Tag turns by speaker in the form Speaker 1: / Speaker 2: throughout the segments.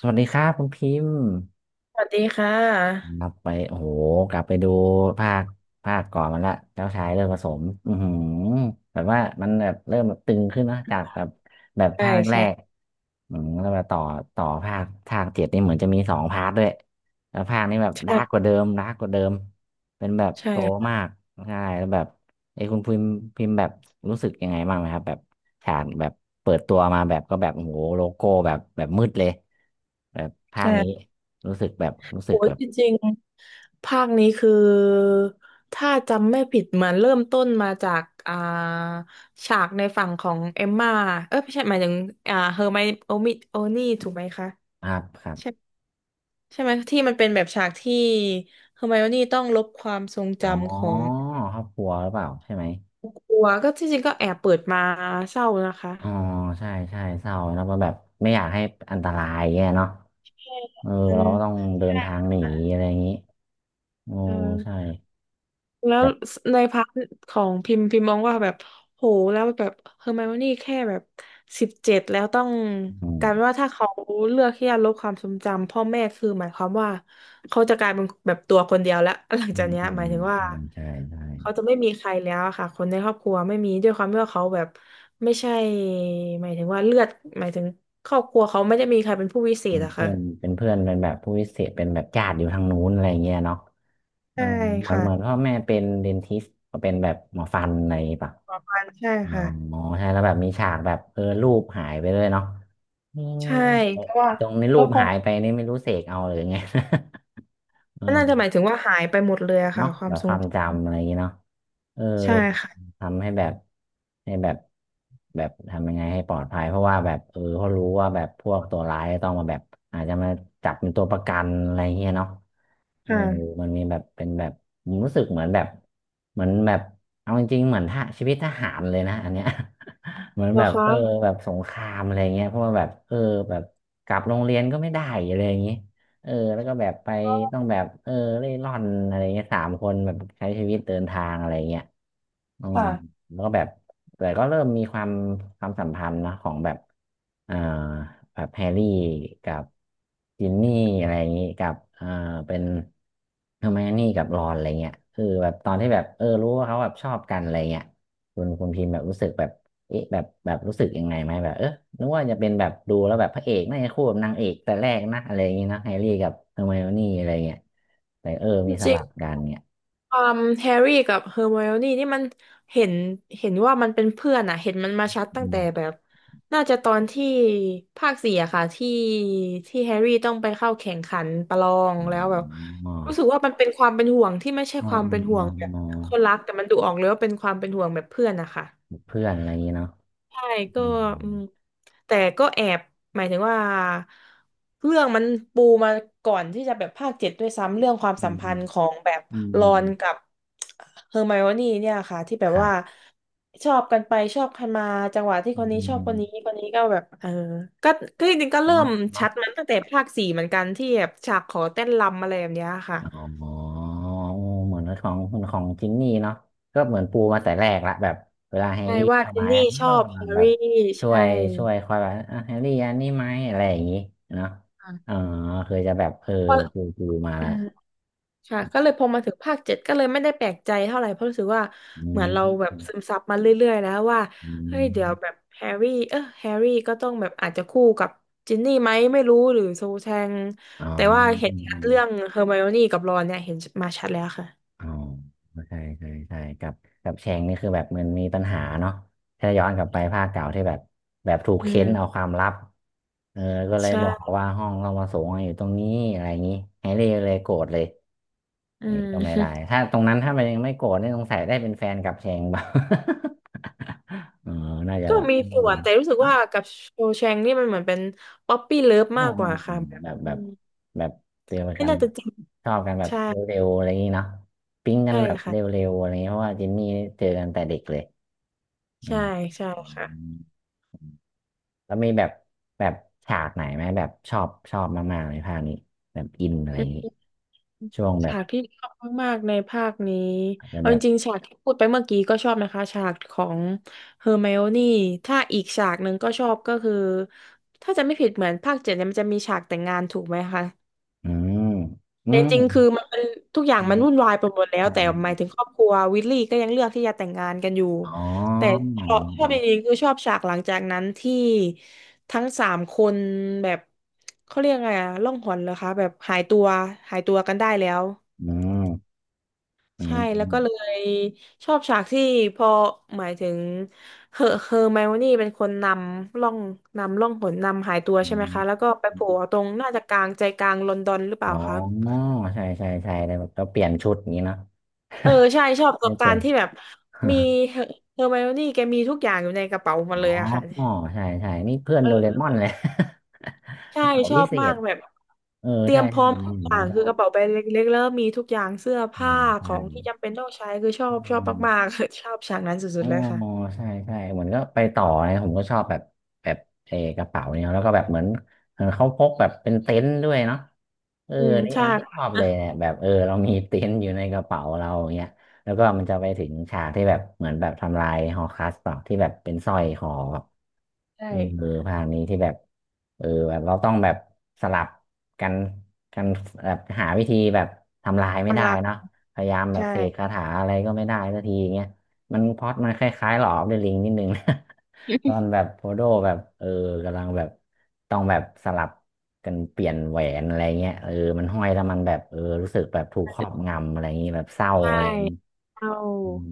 Speaker 1: สวัสดีครับคุณพิมพ์
Speaker 2: สวัสดีค่ะ
Speaker 1: กลับไปโอ้โหกลับไปดูภาคภาคก่อนมันละเจ้าชายเริ่มผสมอือหือแบบว่ามันแบบเริ่มแบบตึงขึ้นนะจากแบบแบบ
Speaker 2: ใช่
Speaker 1: ภาคแร
Speaker 2: ใช่
Speaker 1: กๆแล้วมาต่อภาคเจ็ดนี่เหมือนจะมีสองพาร์ทด้วยแล้วภาคนี้แบบดาร์กก
Speaker 2: ใช่
Speaker 1: ว่าเดิมดาร์กกว่าเดิมเป็นแบบ
Speaker 2: ใช่
Speaker 1: โตมา
Speaker 2: ค่ะ
Speaker 1: กใช่แล้วแบบไอ้คุณพิมพ์แบบรู้สึกยังไงบ้างไหมครับแบบฉากแบบเปิดตัวมาแบบก็แบบโอ้โหโลโก้แบบมืดเลยแบบภาคนี้
Speaker 2: ใช่
Speaker 1: รู้สึกแบบรู้สึ
Speaker 2: โอ้
Speaker 1: ก
Speaker 2: ย
Speaker 1: แบบ
Speaker 2: จริงๆภาคนี้คือถ้าจำไม่ผิดเหมือนเริ่มต้นมาจากฉากในฝั่งของเอมม่าเออไม่ใช่หมายถึงเฮอร์ไมโอมิโอนี่ถูกไหมคะ
Speaker 1: ครับครับ
Speaker 2: ใช่ใช่ไหมที่มันเป็นแบบฉากที่เฮอร์ไมโอนี่ต้องลบความทรง
Speaker 1: อ๋อ
Speaker 2: จำของ
Speaker 1: ครอบครัวหรือเปล่าใช่ไหม
Speaker 2: ครัวก็ที่จริงก็แอบเปิดมาเศร้านะคะ
Speaker 1: อ๋อใช่ใช่เศร้าแล้วก็แบบไม่อยากให้อันตรายแย่เนาะ
Speaker 2: ใช่
Speaker 1: เออ
Speaker 2: มัน
Speaker 1: เราก็ต้องเดินทางหนีอะไรอย่างนี้โอ้
Speaker 2: เออ
Speaker 1: ใช่
Speaker 2: แล้วในพาร์ทของพิมพ์มองว่าแบบโหแล้วแบบเฮอร์ไมโอนี่แค่แบบ17แล้วต้อง
Speaker 1: อื
Speaker 2: ก
Speaker 1: ม
Speaker 2: ลายเป็นว่าถ้าเขาเลือกที่จะลบความทรงจำพ่อแม่คือหมายความว่าเขาจะกลายเป็นแบบตัวคนเดียวแล้วหลัง
Speaker 1: อื
Speaker 2: จาก
Speaker 1: ม
Speaker 2: เนี้ย
Speaker 1: อื
Speaker 2: ห
Speaker 1: ม
Speaker 2: มายถึงว่า
Speaker 1: ใช่ ใช่ ใช่
Speaker 2: เขาจะไม่มีใครแล้วอะค่ะคนในครอบครัวไม่มีด้วยความที่ว่าเขาแบบไม่ใช่หมายถึงว่าเลือดหมายถึงครอบครัวเขาไม่ได้มีใครเป็นผู้วิเศษอะ
Speaker 1: เพื่
Speaker 2: ค่ะ
Speaker 1: อนเป็นเพื่อนเป็นแบบผู้พิเศษเป็นแบบญาติอยู่ทางนู้นอะไรเงี้ยเนาะเออ
Speaker 2: ใช่
Speaker 1: เหมือน
Speaker 2: ค่ะ
Speaker 1: พ่อแม่เป็นเดนทิสก็เป็นแบบหมอฟันอะไรปะ
Speaker 2: ประมาณใช่
Speaker 1: อ๋
Speaker 2: ค่ะ
Speaker 1: อใช่แล้วแบบมีฉากแบบรูปหายไปเลยเนาะนี่
Speaker 2: ใช่เพราะว่า
Speaker 1: ตรงนี้รู
Speaker 2: แล้ว
Speaker 1: ป
Speaker 2: พอ
Speaker 1: หายไปนี่ไม่รู้เสกเอาหรือไง เออ
Speaker 2: น่าจะหมายถึงว่าหายไปหมดเลยอะค่ะ
Speaker 1: เนาะ
Speaker 2: ควา
Speaker 1: แบ
Speaker 2: ม
Speaker 1: บ
Speaker 2: ทร
Speaker 1: ค
Speaker 2: ง
Speaker 1: วาม
Speaker 2: จ
Speaker 1: จำอะไรอย่างเงี้ยเนาะเออ
Speaker 2: ำใช่ค่ะ
Speaker 1: ทำให้แบบให้แบบแบบทำยังไงให้ปลอดภัยเพราะว่าแบบเขารู้ว่าแบบพวกตัวร้ายต้องมาแบบอาจจะมาจับเป็นตัวประกันอะไรเงี้ยเนาะเออ
Speaker 2: ค่ะ
Speaker 1: มันมีแบบเป็นแบบผมรู้สึกเหมือนแบบเอาจริงๆเหมือนทหารชีวิตทหารเลยนะอันเนี้ย เหมือน
Speaker 2: เหร
Speaker 1: แบ
Speaker 2: อ
Speaker 1: บเอ
Speaker 2: คะ
Speaker 1: อแบบสงครามอะไรเงี้ยเพราะว่าแบบเออแบบกลับโรงเรียนก็ไม่ได้อะไรอย่างงี้ เออแล้วก็แบบไป
Speaker 2: อ๋อ
Speaker 1: ต้องแบบเออเร่ร่อนอะไรเงี้ยสามคนแบบใช้ชีวิตเดินทางอะไรเงี้ยอืม
Speaker 2: ค่ะ
Speaker 1: แล้วก็แบบแต่ก็เริ่มมีความสัมพันธ์นะของแบบเอ่อแบบแฮร์รี่กับจินนี่อะไรอย่างงี้กับเป็นเฮอร์ไมโอนี่กับรอนอะไรเงี้ยคือแบบตอนที่แบบเออรู้ว่าเขาแบบชอบกันอะไรเงี้ย คุณพิมพ์แบบรู้สึกแบบเอ๊ะแบบรู้สึกยังไงไหมแบบเออนึกว่าจะเป็นแบบดูแล้วแบบพระเอกน่าจะคู่กับนางเอกแต่แรกนะอะไรอย่างงี้นะแฮร์รี่กับเฮอร์ไมโอนี่อะไรเงี้ยแต่เออ
Speaker 2: จ
Speaker 1: มีส
Speaker 2: ริง
Speaker 1: ลับกันเนี่ย
Speaker 2: ๆความแฮร์รี่กับเฮอร์ไมโอนี่นี่มันเห็นเห็นว่ามันเป็นเพื่อนอะเห็นมันมาชัดตั้ง
Speaker 1: อื
Speaker 2: แต่
Speaker 1: ม
Speaker 2: แบบน่าจะตอนที่ภาคสี่อะค่ะที่แฮร์รี่ต้องไปเข้าแข่งขันประลองแล้วแบบ
Speaker 1: อ๋อ
Speaker 2: รู้สึกว่ามันเป็นความเป็นห่วงที่ไม่ใช่
Speaker 1: อ๋อ
Speaker 2: ความ
Speaker 1: อ๋อ
Speaker 2: เป็นห่วง
Speaker 1: อ๋อ
Speaker 2: แบบ
Speaker 1: อ๋อ
Speaker 2: คนรักแต่มันดูออกเลยว่าเป็นความเป็นห่วงแบบเพื่อนนะคะ
Speaker 1: เพื่อนอะไรอย่างงี้เนาะ
Speaker 2: ใช่
Speaker 1: อื
Speaker 2: ก็
Speaker 1: ม
Speaker 2: อืมแต่ก็แอบหมายถึงว่าเรื่องมันปูมาก่อนที่จะแบบภาคเจ็ดด้วยซ้ำเรื่องความ
Speaker 1: อื
Speaker 2: สัม
Speaker 1: มอื
Speaker 2: พัน
Speaker 1: ม
Speaker 2: ธ์ของแบบร
Speaker 1: อื
Speaker 2: อ
Speaker 1: ม
Speaker 2: นกับเฮอร์ไมโอนี่เนี่ยค่ะที่แบบ
Speaker 1: ครั
Speaker 2: ว่า
Speaker 1: บ
Speaker 2: ชอบกันไปชอบกันมาจังหวะที่
Speaker 1: อื
Speaker 2: ค
Speaker 1: ม
Speaker 2: นนี้
Speaker 1: อืม
Speaker 2: ชอบ
Speaker 1: อื
Speaker 2: ค
Speaker 1: ม
Speaker 2: นนี้คนนี้ก็แบบเออก็ก็จริงๆก็เริ่
Speaker 1: เนาะ
Speaker 2: มชัดมันตั้งแต่ภาคสี่เหมือนกันที่แบบฉากขอเต้นรำอะไรแบบเนี้ยค่ะ
Speaker 1: อ๋อเหมือนของจินนี่เนาะก็เหมือนปูมาแต่แรกละแบบเวลาแฮ
Speaker 2: ใช่
Speaker 1: ร์รี่
Speaker 2: ว่า
Speaker 1: เข้า
Speaker 2: เจน
Speaker 1: มา
Speaker 2: นี่
Speaker 1: อ่ะ
Speaker 2: ชอ
Speaker 1: อ้าว
Speaker 2: บแฮ
Speaker 1: มัน
Speaker 2: ร์
Speaker 1: แบบ
Speaker 2: รี่
Speaker 1: ช่ว
Speaker 2: ใช่
Speaker 1: ยช่วยคอยแบบอ่ะแฮร์รี่อันนี้ไหมอะไรอย่างงี้เนาะอ๋อ
Speaker 2: ค่ะ
Speaker 1: เคยจะแบบเออ
Speaker 2: เพราะ
Speaker 1: ปูมาละ
Speaker 2: ค่ะก็เลยพอมาถึงภาคเจ็ดก็เลยไม่ได้แปลกใจเท่าไหร่เพราะรู้สึกว่า
Speaker 1: อื
Speaker 2: เหมือนเราแบบซึ
Speaker 1: ม
Speaker 2: มซับมาเรื่อยๆแล้วว่า
Speaker 1: อื
Speaker 2: เฮ้ย
Speaker 1: ม
Speaker 2: เดี๋ยวแบบแฮร์รี่เออแฮร์รี่ก็ต้องแบบอาจจะคู่กับจินนี่ไหมไม่รู้หรือโซแชง
Speaker 1: อ๋อ
Speaker 2: แต่ว่าเห็นชัดเรื่องเฮอร์ไมโอนี่กับรอนเนี่ยเห็นมาชัดแล้วค่ะ
Speaker 1: อ๋อใช่ใช่ใช่กับกับแชงนี่คือแบบมันมีปัญหาเนาะถ้าย้อนกลับไปภาคเก่าที่แบบถูก
Speaker 2: อื
Speaker 1: เค้น
Speaker 2: ม
Speaker 1: เอาความลับเออก็เลยบอก
Speaker 2: ใช่
Speaker 1: ว่าห้องเรามาสูงอยู่ตรงนี้อะไรอย่างนี้แฮร์รี่เลยโกรธเลย
Speaker 2: อื
Speaker 1: นี่
Speaker 2: ม
Speaker 1: ก็ไม่ได้ ถ้าตรงนั้นถ้ามันยังไม่โกรธนี่สงสัยได้เป็นแฟนกับแชงเปล่า เออน่าจะ
Speaker 2: ก็
Speaker 1: แบบ
Speaker 2: มีส่วนแต่รู้สึกว่ากับโซแชงนี่มันเหมือนเป็นป๊อปปี้เลิฟ
Speaker 1: อ๋อ
Speaker 2: มากกว่า
Speaker 1: ม
Speaker 2: ค่ะแบบ
Speaker 1: แบบแบ
Speaker 2: อื
Speaker 1: บ
Speaker 2: ม
Speaker 1: แบบเดี
Speaker 2: ไม่
Speaker 1: กัน
Speaker 2: น่า
Speaker 1: แบ
Speaker 2: จะ
Speaker 1: บ
Speaker 2: จริง
Speaker 1: ชอบกันแบบ
Speaker 2: ใช่
Speaker 1: เร็วๆอะไรอย่างนี้เนาะปิ๊งกัน
Speaker 2: ใช่
Speaker 1: แบบเร
Speaker 2: ค่ะ
Speaker 1: ็วๆอะไรอย่างนี้เพราะว่าเจนนี่เจอกันแต่เด็กเลยอื
Speaker 2: ใช่
Speaker 1: ม
Speaker 2: ใช่
Speaker 1: อื
Speaker 2: ค่ะ
Speaker 1: มแล้วมีแบบแบบฉากไหนไหมแบบชอบมากๆในภาคนี้แบบอินอะไรอย่างนี้ช่วงแบ
Speaker 2: ฉา
Speaker 1: บ
Speaker 2: กที่ชอบมากๆในภาคนี้
Speaker 1: อาจจะ
Speaker 2: เอา
Speaker 1: แบ
Speaker 2: จ
Speaker 1: บ
Speaker 2: ริงๆฉากที่พูดไปเมื่อกี้ก็ชอบนะคะฉากของเฮอร์ไมโอนี่ถ้าอีกฉากหนึ่งก็ชอบก็คือถ้าจะไม่ผิดเหมือนภาคเจ็ดเนี่ยมันจะมีฉากแต่งงานถูกไหมคะ
Speaker 1: อืมอื
Speaker 2: แต่
Speaker 1: ม
Speaker 2: จริงๆคือมันเป็นทุกอย่างมันวุ่นวายไปหมดแล้ว
Speaker 1: ใช่
Speaker 2: แต่หมายถึงครอบครัววิลลี่ก็ยังเลือกที่จะแต่งงานกันอยู่
Speaker 1: อ๋อ
Speaker 2: แต่ชอบจริงๆคือชอบฉากหลังจากนั้นที่ทั้งสามคนแบบเขาเรียกไงอะล่องหนเหรอคะแบบหายตัวกันได้แล้ว
Speaker 1: อืมอืม
Speaker 2: ใช่
Speaker 1: อื
Speaker 2: แล้ว
Speaker 1: ม
Speaker 2: ก็เลยชอบฉากที่พอหมายถึงเฮอร์ไมโอนี่เป็นคนำล่องนำล่องหนนำหายตัวใช่ไหม
Speaker 1: อื
Speaker 2: คะแล้วก็ไปโผล่
Speaker 1: ม
Speaker 2: ตรงน่าจะกลางใจกลางลอนดอนหรือเป
Speaker 1: อ๋
Speaker 2: ล่า
Speaker 1: อ
Speaker 2: คะ
Speaker 1: ใช่ใช่ใช่แต่แบบเราเปลี่ยนชุดอย่างนี้เนาะ
Speaker 2: เออใช่ชอบป ระส
Speaker 1: ไม่
Speaker 2: บ
Speaker 1: เป
Speaker 2: กา
Speaker 1: ลี่
Speaker 2: ร
Speaker 1: ยน
Speaker 2: ณ์ที่แบบมี เฮอเฮอร์ไมโอนี่แกมีทุกอย่างอยู่ในกระเป๋าหมา
Speaker 1: อ๋อ
Speaker 2: เลยอะค่ะ
Speaker 1: ใช่ใช่นี่เพื่อนโดเร
Speaker 2: เออ
Speaker 1: มอนเลย ก
Speaker 2: ใช่
Speaker 1: ระเป๋า
Speaker 2: ชอ
Speaker 1: พิ
Speaker 2: บ
Speaker 1: เศ
Speaker 2: มา
Speaker 1: ษ
Speaker 2: กแบบ
Speaker 1: เออ
Speaker 2: เตรี
Speaker 1: ใช่
Speaker 2: ยมพ
Speaker 1: ใช่
Speaker 2: ร้อมทุ
Speaker 1: นี่
Speaker 2: ก
Speaker 1: ผ
Speaker 2: อ
Speaker 1: ม
Speaker 2: ย่า
Speaker 1: ก็
Speaker 2: ง
Speaker 1: ช
Speaker 2: คื
Speaker 1: อ
Speaker 2: อ
Speaker 1: บ
Speaker 2: กระเป๋าใบเล็กๆแล้วมีทุกอย่างเสื้อผ้า
Speaker 1: อ่า
Speaker 2: ข
Speaker 1: ใช่
Speaker 2: องที่จำเป็นต้องใช้คือชอบมากๆ ชอบฉากนั้นสุ
Speaker 1: อ๋
Speaker 2: ด
Speaker 1: อ
Speaker 2: ๆเลยค่ะ
Speaker 1: ใช่ใช่เหมือนก็ไปต่อนะผมก็ชอบแบบแบบเออกระเป๋าเนี่ยแล้วก็แบบเหมือนเขาพกแบบเป็นเต็นท์ด้วยเนาะเออ
Speaker 2: อืม
Speaker 1: นี่อั
Speaker 2: ใช่
Speaker 1: นนี้ชอบเลยเนี่ยแบบเออเรามีเต็นท์อยู่ในกระเป๋าเราอย่างเงี้ยแล้วก็มันจะไปถึงฉากที่แบบเหมือนแบบทำลายฮอคัสเปล่าที่แบบเป็นสร้อยคอแบบ
Speaker 2: ใช่
Speaker 1: เออภาคนี้ที่แบบเออแบบเราต้องแบบสลับกันกันแบบหาวิธีแบบทำลายไม่ได้
Speaker 2: กำลัง
Speaker 1: เนาะพยายาม
Speaker 2: ใ
Speaker 1: แบบเสกคา
Speaker 2: ช่
Speaker 1: ถาอะไรก็ไม่ได้สักทีอย่างเงี้ย มันพล็อตมันคล้ายๆหลอออฟเดลิงนิดนึงนะ ตอนแบบโพโดแบบกำลังแบบต้องแบบสลับกันเปลี่ยนแหวนอะไรเงี้ยเออมันห้อยแล้วมันแบบรู้สึกแบบถูกครอบงำอะไรอย่างงี้แบบเศร้า
Speaker 2: ใช่
Speaker 1: อะไรอย่างงี้
Speaker 2: เอา
Speaker 1: อืม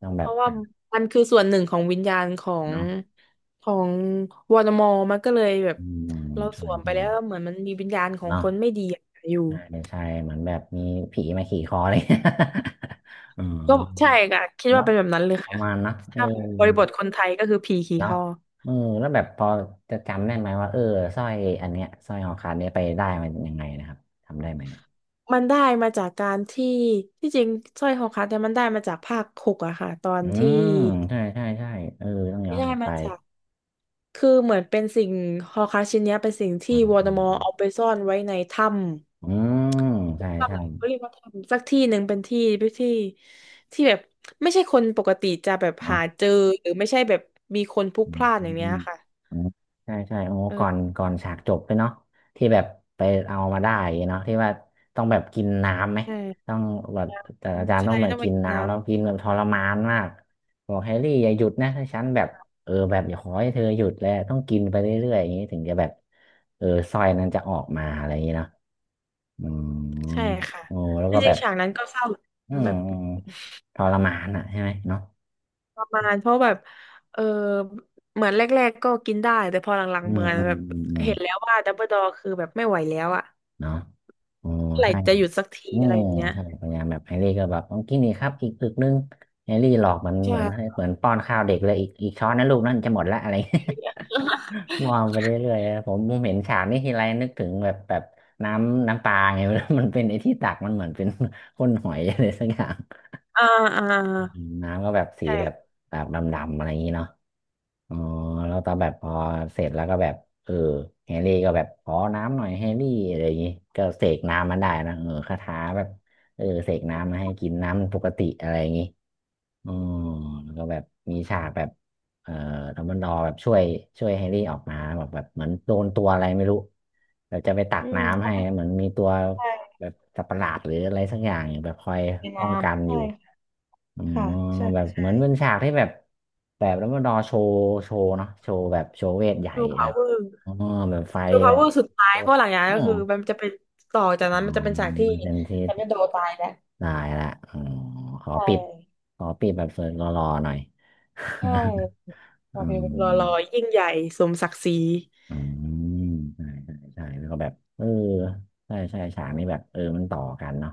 Speaker 1: ต้องแบ
Speaker 2: เพ
Speaker 1: บ
Speaker 2: ราะว่ามันคือส่วนหนึ่งของวิญญาณของ
Speaker 1: เนาะ
Speaker 2: ของวอร์มอมันก็เลยแบบ
Speaker 1: อืม
Speaker 2: เราส
Speaker 1: ใช่
Speaker 2: วมไป
Speaker 1: ใช่
Speaker 2: แล้วเหมือนมันมีวิญญาณของ
Speaker 1: เนาะ
Speaker 2: คนไม่ดีอยู่
Speaker 1: ใช่ใช่เหมือนแบบมีผีมาขี่คอเลย อ๋อ
Speaker 2: ก็ใช่ค่ะคิดว่า
Speaker 1: เนาะ
Speaker 2: เป็นแบบนั้นเลย
Speaker 1: ประ
Speaker 2: ค่ะ
Speaker 1: มาณนะเออ
Speaker 2: ถ้าบริบทคนไทยก็คือผีขี่ค
Speaker 1: เนาะ
Speaker 2: อ
Speaker 1: เออแล้วแบบพอจะจำได้ไหมว่าเออสร้อยอันเนี้ยสร้อยคอขาดเนี้ยไปได้มันยังไงนะครับทำได้ไหมอะ
Speaker 2: มันได้มาจากการที่ที่จริงสร้อยคอคัดเนี่ยมันได้มาจากภาคหกอะค่ะตอน
Speaker 1: อื
Speaker 2: ที่
Speaker 1: มใช่ใช่ใช่เออต้องย้
Speaker 2: ไม่
Speaker 1: อน
Speaker 2: ได้
Speaker 1: กลับไป
Speaker 2: มาจาก คือเหมือนเป็นสิ่งฮอร์ครักซ์ชิ้นเนี้ยเป็นสิ่ง
Speaker 1: อื
Speaker 2: ที่
Speaker 1: ม
Speaker 2: วอล
Speaker 1: อื
Speaker 2: เดอมอร์
Speaker 1: ม
Speaker 2: เอาไปซ่อนไว้ใน
Speaker 1: อืมอืมใช่
Speaker 2: ถ้ำ
Speaker 1: ใช่
Speaker 2: หรือเขาเรียกว่าถ้ำสักที่หนึ่งเป็นที่ที่ที่แบบไม่ใช่คนปกติจะแบบหา
Speaker 1: เนาะ
Speaker 2: เจอหรือไม่ใช่แบบมีคนพลุก
Speaker 1: อื
Speaker 2: พล่านอย่างเนี้ย
Speaker 1: ม
Speaker 2: ค่ะ
Speaker 1: อ๋อใช่ใช่โอ้ก่อน
Speaker 2: เออ
Speaker 1: ก่อนฉากจบด้วยเนาะที่แบบไปเอามาได้เนาะที่ว่าต้องแบบกินน้ำไหม
Speaker 2: ใช่
Speaker 1: ต้องแบบแต่อาจารย์
Speaker 2: ใช่
Speaker 1: ต้องแบบ
Speaker 2: ต้องไป
Speaker 1: กิน
Speaker 2: กินน้
Speaker 1: น้ำแล้วกินแบบทรมานมากบอกแฮร์รี่อย่าหยุดนะถ้าฉันแบบเออแบบอย่าขอให้เธอหยุดแล้วต้องกินไปเรื่อยๆอย่างนี้ถึงจะแบบเออสร้อยนั้นจะออกมาอะไรอย่างนี้เนาะอืม
Speaker 2: ำใช่ค่ะ
Speaker 1: โอ้แล้ว
Speaker 2: จ
Speaker 1: ก็แบ
Speaker 2: ริง
Speaker 1: บ
Speaker 2: ๆฉากนั้นก็เศร้า
Speaker 1: อืม
Speaker 2: แบบ
Speaker 1: อืมทรมานอ่ะใช่ไหมเนาะ
Speaker 2: ประมาณเพราะแบบเออเหมือนแรกๆก็กินได้แต่พอหลัง
Speaker 1: อื
Speaker 2: ๆเห
Speaker 1: ม
Speaker 2: มือน
Speaker 1: อื
Speaker 2: แบ
Speaker 1: ม
Speaker 2: บ
Speaker 1: อืมอืม
Speaker 2: เห็นแล้วว่าดับเบิลดอร์คือแบบไม่ไหวแล้วอะ
Speaker 1: เนาะโอ้
Speaker 2: เมื่อไหร่
Speaker 1: ใช่
Speaker 2: จะหยุดสักที
Speaker 1: อ๋อ
Speaker 2: อะไรอย่างเงี้ย
Speaker 1: ใช่พยายามแบบแฮร์รี่ก็แบบต้องกินนี่ครับอีกอึกนึงแฮร์รี่หลอกมัน
Speaker 2: ใช่
Speaker 1: เหมือนให้เหมือนป้อนข้าวเด็กเลยอีกอีกช้อนนะลูกนั่นจะหมดละอะไร มองไปเรื่อยๆผมเห็นฉากนี้ทีไรนึกถึงแบบแบบน้ำปลาไง มัน เป็นไอ้ที่ตักมันเหมือนเป็น ก้นหอยอะไรสักอย่าง
Speaker 2: อ่าอ่า
Speaker 1: น้ำก็แบบสีแบบ
Speaker 2: ใช่
Speaker 1: แบบดำๆอะไรอย่างนี้เนาะ อ๋อแล้วตอนแบบพอเสร็จแล้วก็แบบเออแฮร์รี่ก็แบบขอน้ำหน่อยแฮร์รี่อะไรอย่างงี้ก็เสกน้ำมันได้นะเออคาถาแบบเสกน้ำมาให้กินน้ำปกติอะไรอย่างงี้อ๋อแล้วก็แบบมีฉากแบบเอ่อดัมเบิลดอร์แบบช่วยช่วยแฮร์รี่ออกมาแบบแบบเหมือนโดนตัวอะไรไม่รู้แบบจะไปตั
Speaker 2: อื
Speaker 1: ก
Speaker 2: ม
Speaker 1: น้ำ
Speaker 2: เขา
Speaker 1: ให้
Speaker 2: ไม่
Speaker 1: เหมือนมีตัว
Speaker 2: ใด้
Speaker 1: แบบสัตว์ประหลาดหรืออะไรสักอย่างอยแบบคอย
Speaker 2: มี
Speaker 1: ป้
Speaker 2: น้
Speaker 1: องกัน
Speaker 2: ำ
Speaker 1: อ
Speaker 2: ใช่
Speaker 1: ยู่ อ๋อ
Speaker 2: ค่ะ ใช่
Speaker 1: แบบเห
Speaker 2: ใช่
Speaker 1: มือนเป็นฉากที่แบบแบบแล้วมาดอโชว์โชว์เนาะโชว์แบบโชว์เวทใหญ่
Speaker 2: ชูพา
Speaker 1: แบ
Speaker 2: ว
Speaker 1: บ
Speaker 2: เวอร์
Speaker 1: อ๋อแบบไฟแบบ
Speaker 2: สุดท้าย
Speaker 1: โอ้
Speaker 2: เพราะหลังจากนั้
Speaker 1: โอ้
Speaker 2: นก็คือมันจะเป็นต่อจากนั้น
Speaker 1: อ๋อ
Speaker 2: มันจะเป็นฉากที่
Speaker 1: เป็นที่
Speaker 2: แตนจะโดตายแล้ว
Speaker 1: ได้ละอ๋อขอ
Speaker 2: ใช่
Speaker 1: ปิดขอปิดแบบสวยหล่อๆหน่อย
Speaker 2: ใช่ โอ
Speaker 1: อื
Speaker 2: เค
Speaker 1: ม
Speaker 2: รอรอยิ่งใหญ่ สมศักดิ์ศรี
Speaker 1: อืมใช่ใช่ใช่แล้วก็แบบเออใช่ใช่ฉากนี้แบบเออมันต่อกันเนาะ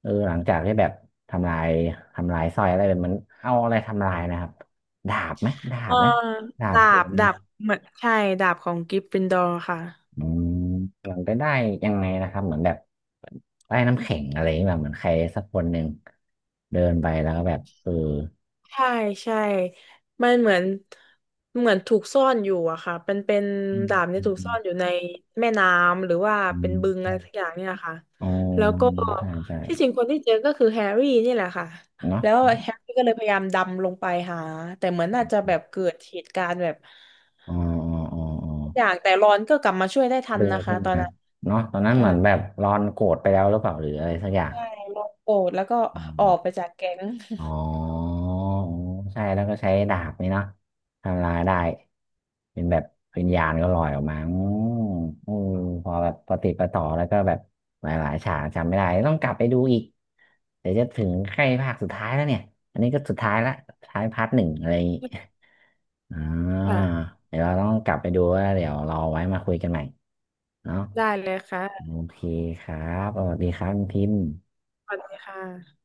Speaker 1: เออหลังจากที่แบบทำลายทำลายสร้อยอะไรแบบมันเอาอะไรทำลายนะครับดาบไหมดาบ
Speaker 2: อ่า
Speaker 1: ไหมดาบโผล่เนี่
Speaker 2: ดา
Speaker 1: ย
Speaker 2: บเหมือนใช่ดาบของกริฟฟินดอร์ค่ะ
Speaker 1: อืมหลังไปได้ยังไงนะครับเหมือนแบบได้น้ำแข็งอะไรอย่างเงี้ยแบบเหมือนใครสักคนหนึ่งเดินไปแล้วก็แบบเออ
Speaker 2: ใช่ใช่มันเหมือนถูกซ่อนอยู่อะค่ะเป็นเป็น
Speaker 1: อืม
Speaker 2: ดาบเนี่
Speaker 1: อื
Speaker 2: ยถูกซ่
Speaker 1: ม
Speaker 2: อนอยู่ในแม่น้ำหรือว่า
Speaker 1: อื
Speaker 2: เป็นบึงอะไร
Speaker 1: ม
Speaker 2: สักอย่างเนี่ยค่ะ
Speaker 1: อมอ๋อ
Speaker 2: แล้วก็
Speaker 1: ใช่ใช่
Speaker 2: ที่จริงคนที่เจอก็คือแฮร์รี่นี่แหละค่ะ
Speaker 1: เนาะ
Speaker 2: แล้วแฮร์รี่ก็เลยพยายามดำลงไปหาแต่เหมือนน่าจะแบบเกิดเหตุการณ์แบบ
Speaker 1: อ๋ออ๋ออ๋ออ๋อ
Speaker 2: อย่างแต่รอนก็กลับมาช่วยได้ทัน
Speaker 1: ดึง
Speaker 2: นะคะ
Speaker 1: ขึ้น
Speaker 2: ตอ
Speaker 1: มา
Speaker 2: นนั้น
Speaker 1: เนาะตอนนั้น
Speaker 2: ใช่
Speaker 1: เหมือนแบบรอนโกรธไปแล้วหรือเปล่าหรืออะไรสักอย่าง
Speaker 2: ใช่รอนโกรธแล้วก็
Speaker 1: อ
Speaker 2: ออก
Speaker 1: ม
Speaker 2: ไปจากแก๊ง
Speaker 1: อ๋ออ๋อใช่แล้วก็ใช้ดาบนี่เนาะทำลายได้เป็นแบบวิญญาณก็ลอยออกมาอืมอืมพอแบบปฏิดประต่อแล้วก็แบบหลายๆฉากจำไม่ได้ต้องกลับไปดูอีกเดี๋ยวจะถึงใกล้ภาคสุดท้ายแล้วเนี่ยอันนี้ก็สุดท้ายละสุดท้ายพาร์ทหนึ่งอะไรอย่างงี้อ่ า
Speaker 2: อ่ะ
Speaker 1: เดี๋ยวเราต้องกลับไปดูว่าเดี๋ยวรอไว้มาคุยกันใหม่เนาะ
Speaker 2: ได้เลยค่ะ
Speaker 1: โอเคครับเอสดีครับคุณพิมพ์
Speaker 2: สวัสดีค่ะ